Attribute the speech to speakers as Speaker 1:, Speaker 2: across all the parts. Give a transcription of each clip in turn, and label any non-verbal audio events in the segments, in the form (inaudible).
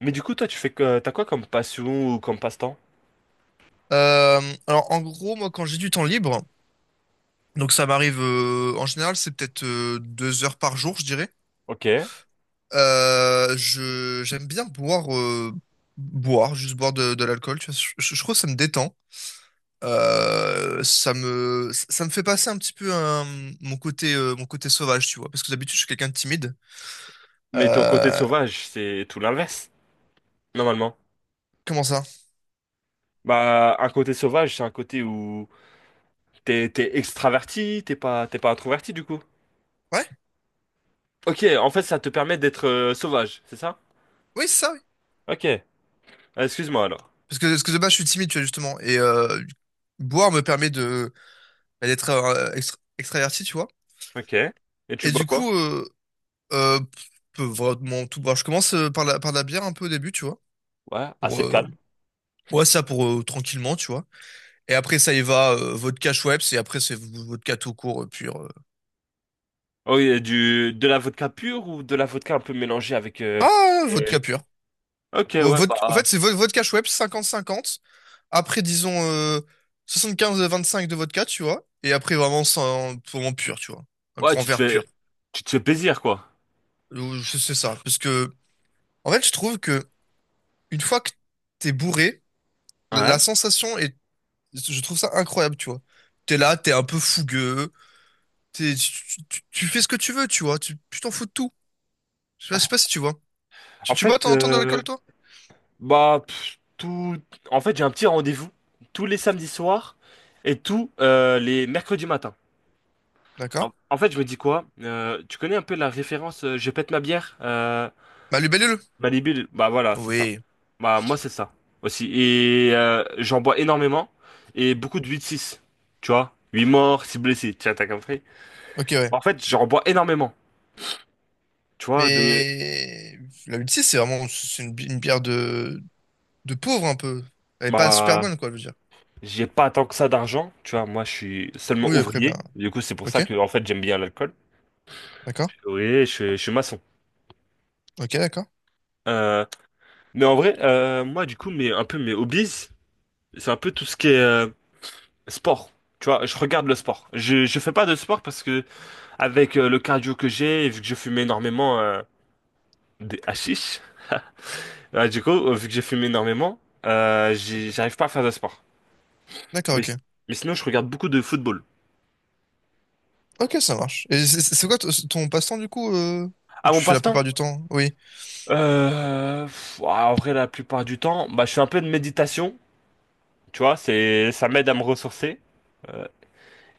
Speaker 1: Mais du coup, toi, tu fais que t'as quoi comme passion ou comme passe-temps?
Speaker 2: Euh, alors en gros, moi quand j'ai du temps libre, donc ça m'arrive, en général c'est peut-être, 2 heures par jour, je dirais.
Speaker 1: Ok.
Speaker 2: Je j'aime bien boire, boire, juste boire de l'alcool. Tu vois, je trouve que ça me détend. Ça me fait passer un petit peu mon côté, mon côté sauvage, tu vois. Parce que d'habitude je suis quelqu'un de timide.
Speaker 1: Mais ton côté
Speaker 2: Euh,
Speaker 1: sauvage, c'est tout l'inverse, normalement.
Speaker 2: Comment ça?
Speaker 1: Bah, un côté sauvage, c'est un côté où t'es extraverti, t'es pas introverti du coup.
Speaker 2: Ouais,
Speaker 1: Ok, en fait, ça te permet d'être sauvage, c'est ça?
Speaker 2: oui c'est ça. Oui.
Speaker 1: Ok. Ah, excuse-moi alors.
Speaker 2: Parce que de base je suis timide, tu vois justement. Et boire me permet de, bah, d'être, extraverti, tu vois.
Speaker 1: Ok. Et tu
Speaker 2: Et
Speaker 1: bois
Speaker 2: du
Speaker 1: quoi?
Speaker 2: coup, euh, vraiment tout. Bon, je commence, par la bière un peu au début, tu vois.
Speaker 1: Ouais,
Speaker 2: Pour,
Speaker 1: assez calme.
Speaker 2: ouais, ça pour, tranquillement, tu vois. Et après, ça y va, vodka Schweppes, et après, c'est vodka tout court, pur.
Speaker 1: Oh, et du de la vodka pure ou de la vodka un peu mélangée avec.
Speaker 2: Ah,
Speaker 1: Euh,
Speaker 2: vodka pur.
Speaker 1: Ok, ouais,
Speaker 2: En
Speaker 1: bah
Speaker 2: fait, c'est vodka Schweppes 50/50. Après, disons, 25 de vodka, tu vois. Et après, vraiment, sans, vraiment pur, tu vois. Un
Speaker 1: ouais,
Speaker 2: grand
Speaker 1: tu te
Speaker 2: verre pur.
Speaker 1: fais tu te fais plaisir quoi.
Speaker 2: C'est ça. Parce que, en fait, je trouve que une fois que t'es bourré, la
Speaker 1: Ouais.
Speaker 2: la sensation est, je trouve ça incroyable, tu vois. T'es là, t'es un peu fougueux, tu fais ce que tu veux, tu vois. Tu t'en fous de tout. Je sais pas, je sais
Speaker 1: Ah.
Speaker 2: pas si tu vois.
Speaker 1: En
Speaker 2: Tu bois,
Speaker 1: fait,
Speaker 2: t'en entends de l'alcool, toi?
Speaker 1: bah, tout. En fait, j'ai un petit rendez-vous tous les samedis soirs et tous les mercredis matins.
Speaker 2: D'accord.
Speaker 1: En fait, je me dis quoi? Tu connais un peu la référence Je pète ma bière?
Speaker 2: Bah, le Bellule.
Speaker 1: Malibu, bah voilà, c'est ça.
Speaker 2: Oui.
Speaker 1: Bah, moi, c'est ça aussi. Et j'en bois énormément et beaucoup de 8.6. Tu vois? Huit morts, six blessés. Tiens, t'as compris?
Speaker 2: Ok, ouais.
Speaker 1: Bah, en fait, j'en bois énormément. Tu vois? De.
Speaker 2: Mais la 86, c'est vraiment une bière de pauvre, un peu. Elle est pas super
Speaker 1: Bah.
Speaker 2: bonne, quoi, je veux dire.
Speaker 1: J'ai pas tant que ça d'argent, tu vois, moi je suis seulement
Speaker 2: Oui, après, bien.
Speaker 1: ouvrier, du coup c'est pour
Speaker 2: Ok,
Speaker 1: ça que en fait j'aime bien l'alcool.
Speaker 2: d'accord.
Speaker 1: Oui, je suis maçon.
Speaker 2: Ok, d'accord.
Speaker 1: Euh, mais en vrai, moi, du coup, un peu mes hobbies, c'est un peu tout ce qui est sport. Tu vois, je regarde le sport. Je fais pas de sport parce que avec le cardio que j'ai, et vu que je fume énormément des hashish, du coup, vu que j'ai fumé énormément, j'arrive pas à faire de sport.
Speaker 2: D'accord,
Speaker 1: Mais,
Speaker 2: ok.
Speaker 1: mais sinon, je regarde beaucoup de football.
Speaker 2: Ok, ça marche. Et c'est quoi ton passe-temps, du coup, que
Speaker 1: À
Speaker 2: tu
Speaker 1: mon
Speaker 2: fais la
Speaker 1: passe-temps,
Speaker 2: plupart du temps? Oui.
Speaker 1: ah, en vrai, la plupart du temps, bah, je fais un peu de méditation. Tu vois, ça m'aide à me ressourcer. Euh,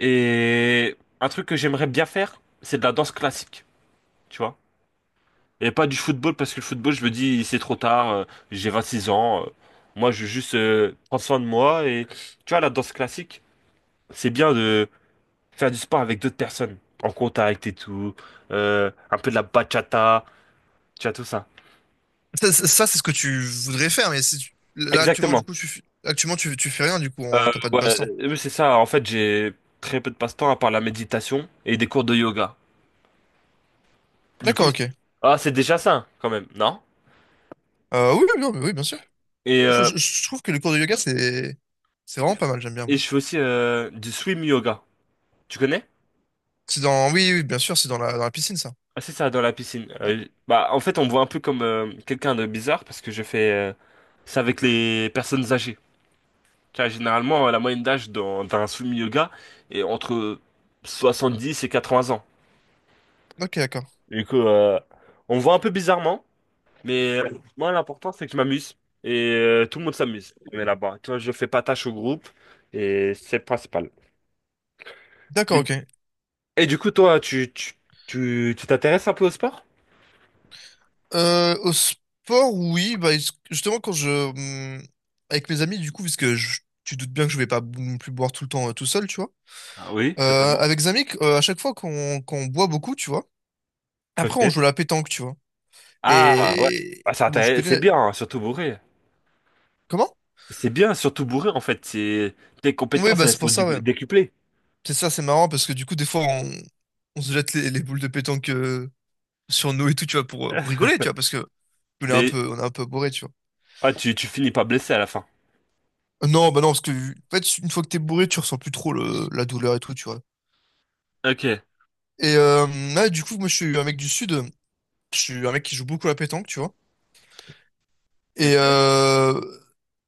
Speaker 1: Et un truc que j'aimerais bien faire, c'est de la danse classique, tu vois. Et pas du football, parce que le football, je me dis, c'est trop tard, j'ai 6 ans, moi, je veux juste prendre soin de moi. Et tu vois, la danse classique, c'est bien de faire du sport avec d'autres personnes, en contact et tout, un peu de la bachata, tu vois, tout ça.
Speaker 2: Ça c'est ce que tu voudrais faire, mais si tu- là, actuellement, du
Speaker 1: Exactement.
Speaker 2: coup, actuellement, tu fais rien, du coup, t'as pas de
Speaker 1: Ouais,
Speaker 2: passe-temps.
Speaker 1: oui, c'est ça. En fait, j'ai très peu de passe-temps à part la méditation et des cours de yoga. Du
Speaker 2: D'accord,
Speaker 1: coup,
Speaker 2: ok.
Speaker 1: ah, c'est déjà ça, quand même, non?
Speaker 2: Oui, oui, non, mais oui, bien sûr.
Speaker 1: Et
Speaker 2: Je,
Speaker 1: euh,
Speaker 2: je- je trouve que le cours de yoga, c'est vraiment pas mal, j'aime bien,
Speaker 1: Et
Speaker 2: moi.
Speaker 1: je fais aussi du swim yoga. Tu connais?
Speaker 2: C'est dans, oui, oui, bien sûr, c'est dans la piscine, ça.
Speaker 1: Ah, c'est ça, dans la piscine.
Speaker 2: Ouais.
Speaker 1: Bah, en fait, on me voit un peu comme quelqu'un de bizarre parce que je fais ça avec les personnes âgées. Tu vois, généralement, la moyenne d'âge d'un swim yoga est entre 70 et 80 ans.
Speaker 2: Ok, d'accord.
Speaker 1: Du coup, on me voit un peu bizarrement, mais moi, l'important, c'est que je m'amuse. Et tout le monde s'amuse. On est là-bas. Tu vois, je fais pas tâche au groupe et c'est le principal.
Speaker 2: D'accord,
Speaker 1: Mais-
Speaker 2: ok.
Speaker 1: Et du coup, toi, tu t'intéresses un peu au sport?
Speaker 2: Au sport, oui, bah, justement, quand je, avec mes amis, du coup, puisque je, tu doutes bien que je vais pas non plus boire tout le temps, tout seul, tu vois.
Speaker 1: Ah oui, totalement.
Speaker 2: Avec Zamik, à chaque fois qu'on boit beaucoup, tu vois,
Speaker 1: Ok.
Speaker 2: après on joue à la pétanque, tu vois.
Speaker 1: Ah ouais.
Speaker 2: Et,
Speaker 1: Ah,
Speaker 2: bon, tu connais
Speaker 1: c'est bien, hein, surtout bourré.
Speaker 2: Comment?
Speaker 1: C'est bien, surtout bourré, en fait. Tes
Speaker 2: Oui,
Speaker 1: compétences,
Speaker 2: bah
Speaker 1: elles
Speaker 2: c'est
Speaker 1: sont
Speaker 2: pour ça, ouais.
Speaker 1: décuplées.
Speaker 2: C'est ça, c'est marrant, parce que du coup, des fois, on se jette les boules de pétanque, sur nous et tout, tu vois, pour
Speaker 1: (laughs)
Speaker 2: rigoler, tu vois, parce que on est un
Speaker 1: Mais
Speaker 2: peu, on est un peu bourré, tu vois.
Speaker 1: tu finis pas blessé à la fin.
Speaker 2: Non, bah non, parce que en fait, une fois que t'es bourré, tu ressens plus trop la douleur et tout, tu vois.
Speaker 1: Ok.
Speaker 2: Et là, du coup, moi, je suis un mec du Sud, je suis un mec qui joue beaucoup à la pétanque, tu vois. Et
Speaker 1: Ok.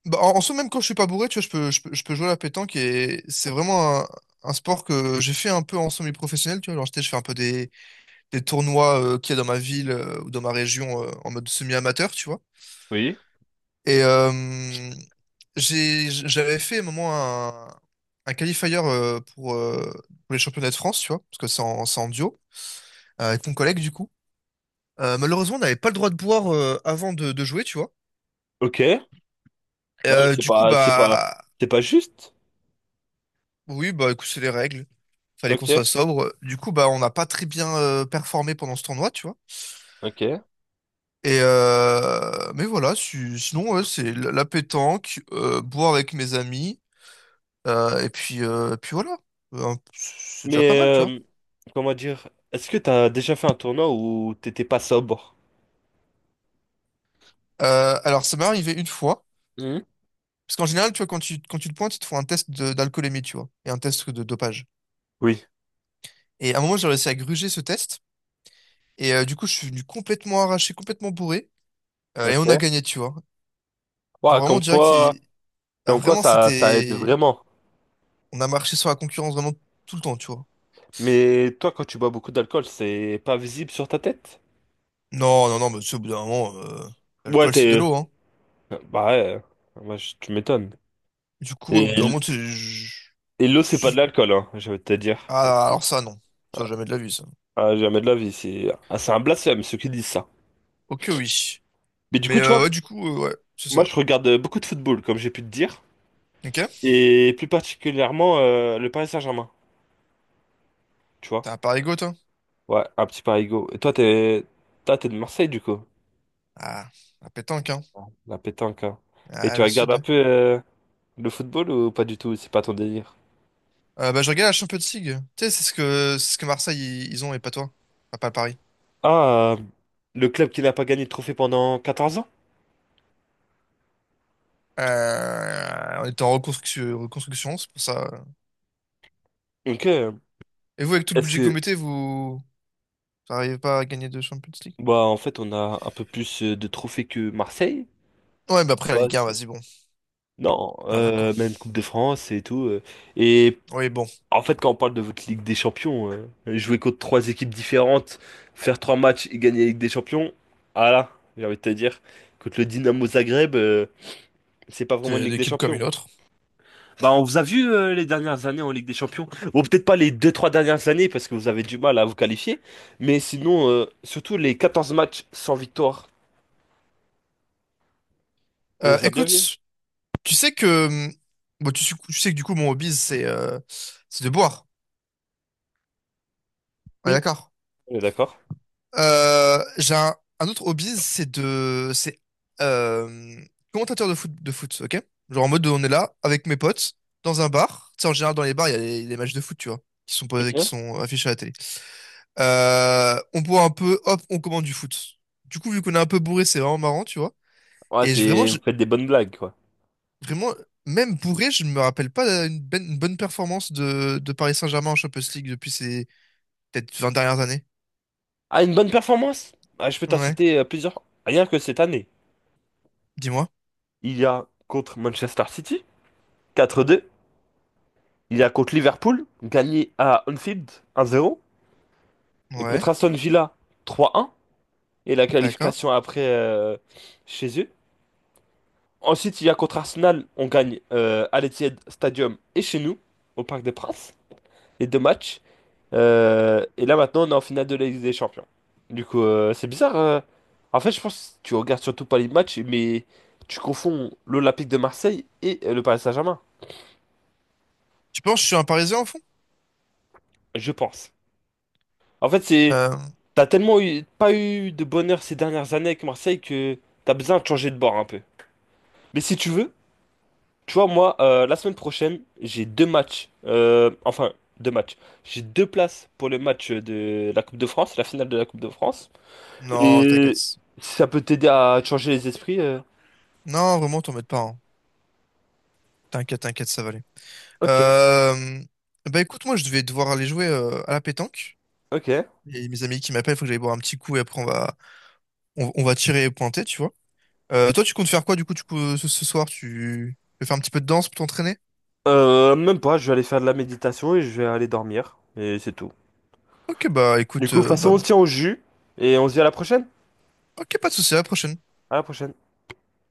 Speaker 2: bah, en soi, même quand je suis pas bourré, tu vois, je peux jouer à la pétanque et c'est vraiment un sport que j'ai fait un peu en semi-professionnel, tu vois. Genre, je fais un peu des tournois, qu'il y a dans ma ville, ou dans ma région, en mode semi-amateur, tu vois.
Speaker 1: Oui.
Speaker 2: Et j'avais fait à un moment un qualifier, pour les championnats de France, tu vois, parce que c'est en duo, avec mon collègue, du coup. Malheureusement, on n'avait pas le droit de boire, avant de jouer, tu vois.
Speaker 1: Ok. Ouais, mais c'est
Speaker 2: Du coup,
Speaker 1: pas, c'est pas,
Speaker 2: bah,
Speaker 1: c'est pas juste.
Speaker 2: oui, bah écoute, c'est les règles. Fallait qu'on soit
Speaker 1: Ok.
Speaker 2: sobre. Du coup, bah on n'a pas très bien, performé pendant ce tournoi, tu vois.
Speaker 1: Ok.
Speaker 2: Et mais voilà, sinon ouais, c'est la pétanque, boire avec mes amis, et puis voilà. C'est déjà pas
Speaker 1: Mais
Speaker 2: mal, tu vois.
Speaker 1: euh, comment dire, est-ce que t'as déjà fait un tournoi où t'étais pas sobre?
Speaker 2: Alors ça m'est arrivé une fois,
Speaker 1: Hmm.
Speaker 2: parce qu'en général, tu vois, quand tu te pointes, ils te font un test d'alcoolémie, tu vois, et un test de dopage.
Speaker 1: Oui.
Speaker 2: Et à un moment, j'ai réussi à gruger ce test, et du coup, je suis venu complètement arraché, complètement bourré, et on a
Speaker 1: Ok.
Speaker 2: gagné, tu vois.
Speaker 1: Ouais,
Speaker 2: Genre vraiment direct, ils. Ah,
Speaker 1: comme quoi
Speaker 2: vraiment,
Speaker 1: ça, ça aide
Speaker 2: c'était.
Speaker 1: vraiment.
Speaker 2: On a marché sur la concurrence vraiment tout le temps, tu vois.
Speaker 1: Mais toi, quand tu bois beaucoup d'alcool, c'est pas visible sur ta tête?
Speaker 2: Non, non, non, mais tu sais, au bout d'un moment,
Speaker 1: Ouais,
Speaker 2: l'alcool, c'est de
Speaker 1: t'es.
Speaker 2: l'eau, hein.
Speaker 1: Bah ouais, moi, tu m'étonnes.
Speaker 2: Du coup,
Speaker 1: Et,
Speaker 2: au bout d'un
Speaker 1: l-
Speaker 2: moment, tu sais,
Speaker 1: et l'eau, c'est pas de
Speaker 2: je-
Speaker 1: l'alcool, hein, je vais te dire.
Speaker 2: ah, alors ça, non. Ça, jamais de la vie, ça.
Speaker 1: Ah, jamais de la vie, c'est un blasphème, ceux qui disent ça.
Speaker 2: Ok, oui.
Speaker 1: Mais du coup,
Speaker 2: Mais
Speaker 1: tu vois,
Speaker 2: ouais, du coup, ouais, c'est ça.
Speaker 1: moi, je regarde beaucoup de football, comme j'ai pu te dire.
Speaker 2: Ok?
Speaker 1: Et plus particulièrement, le Paris Saint-Germain, tu vois.
Speaker 2: T'as un Paris-Go, toi?
Speaker 1: Ouais, un petit parigo. Toi, t'es de Marseille, du coup,
Speaker 2: Ah, la pétanque, hein.
Speaker 1: la pétanque, hein. Et
Speaker 2: Ah,
Speaker 1: tu
Speaker 2: le
Speaker 1: regardes
Speaker 2: sud,
Speaker 1: un
Speaker 2: hein.
Speaker 1: peu le football ou pas du tout? C'est pas ton délire?
Speaker 2: Bah, je regarde la Champions League. Tu sais, c'est ce que Marseille, ils ont, et pas toi. Enfin, pas le Paris.
Speaker 1: Ah, le club qui n'a pas gagné de trophée pendant 14 ans?
Speaker 2: On était en reconstruction, c'est pour ça.
Speaker 1: Ok.
Speaker 2: Et vous, avec tout le
Speaker 1: Est-ce
Speaker 2: budget que vous
Speaker 1: que...
Speaker 2: mettez, vous. T'arrives pas à gagner de Champions League?
Speaker 1: Bah, en fait, on a un peu plus de trophées que Marseille.
Speaker 2: Ouais, bah après la
Speaker 1: Bah,
Speaker 2: Ligue 1, vas-y, bon.
Speaker 1: non,
Speaker 2: Voilà quoi.
Speaker 1: même Coupe de France et tout. Et
Speaker 2: Oui, bon,
Speaker 1: en fait, quand on parle de votre Ligue des Champions, jouer contre trois équipes différentes, faire trois matchs et gagner la Ligue des Champions, ah là, j'ai envie de te dire, contre le Dynamo Zagreb, c'est pas vraiment une
Speaker 2: c'est une
Speaker 1: Ligue des
Speaker 2: équipe comme une
Speaker 1: Champions.
Speaker 2: autre.
Speaker 1: Bah, on vous a vu les dernières années en Ligue des Champions. Bon, peut-être pas les deux trois dernières années parce que vous avez du mal à vous qualifier. Mais sinon, surtout les 14 matchs sans victoire, on vous a bien vu.
Speaker 2: Écoute, tu sais que. Bon, tu sais que du coup, mon hobby, c'est, c'est de boire. Ouais,
Speaker 1: Oui,
Speaker 2: d'accord.
Speaker 1: on est d'accord.
Speaker 2: J'ai un autre hobby, c'est de. C'est, euh, commentateur de foot, ok? Genre en mode, on est là avec mes potes, dans un bar. Tu sais, en général, dans les bars, il y a les matchs de foot, tu vois, qui
Speaker 1: Ok.
Speaker 2: sont affichés à la télé. On boit un peu, hop, on commande du foot. Du coup, vu qu'on est un peu bourré, c'est vraiment marrant, tu vois.
Speaker 1: Ouais,
Speaker 2: Et
Speaker 1: vous faites des bonnes blagues, quoi.
Speaker 2: vraiment, même bourré, je ne me rappelle pas une bonne performance de Paris Saint-Germain en Champions League depuis ces peut-être 20 dernières années.
Speaker 1: Ah, une bonne performance? Ah, je peux t'en
Speaker 2: Ouais,
Speaker 1: citer plusieurs. Rien que cette année.
Speaker 2: dis-moi.
Speaker 1: Il y a contre Manchester City, 4-2. Il y a contre Liverpool, gagné à Anfield, 1-0. Et
Speaker 2: Ouais,
Speaker 1: contre Aston Villa, 3-1. Et la
Speaker 2: d'accord.
Speaker 1: qualification après chez eux. Ensuite, il y a contre Arsenal, on gagne à l'Etihad Stadium et chez nous, au Parc des Princes, les deux matchs. Et là, maintenant, on est en finale de la Ligue des Champions. Du coup, c'est bizarre. En fait, je pense que tu regardes surtout pas les matchs, mais tu confonds l'Olympique de Marseille et le Paris Saint-Germain,
Speaker 2: Tu penses que je suis un Parisien au fond?
Speaker 1: je pense. En fait, c'est
Speaker 2: Euh,
Speaker 1: t'as tellement pas eu de bonheur ces dernières années avec Marseille que t'as besoin de changer de bord un peu. Mais si tu veux, tu vois, moi, la semaine prochaine, j'ai deux matchs. Enfin, deux matchs. J'ai deux places pour le match de la Coupe de France, la finale de la Coupe de France.
Speaker 2: non, t'inquiète.
Speaker 1: Et si ça peut t'aider à te changer les esprits.
Speaker 2: Non, vraiment, t'en mets pas, hein. T'inquiète, ça va aller.
Speaker 1: Ok,
Speaker 2: Euh, Bah écoute, moi, je devais devoir aller jouer, à la pétanque.
Speaker 1: ok.
Speaker 2: Et mes amis qui m'appellent, il faut que j'aille boire un petit coup et après on va tirer et pointer, tu vois. Toi, tu comptes faire quoi du coup, ce soir? Tu veux faire un petit peu de danse pour t'entraîner?
Speaker 1: Même pas, je vais aller faire de la méditation et je vais aller dormir. Et c'est tout.
Speaker 2: Ok, bah
Speaker 1: Du
Speaker 2: écoute,
Speaker 1: coup, de toute façon,
Speaker 2: bah,
Speaker 1: on se tient au jus. Et on se dit à la prochaine.
Speaker 2: ok, pas de souci, à la prochaine.
Speaker 1: À la prochaine.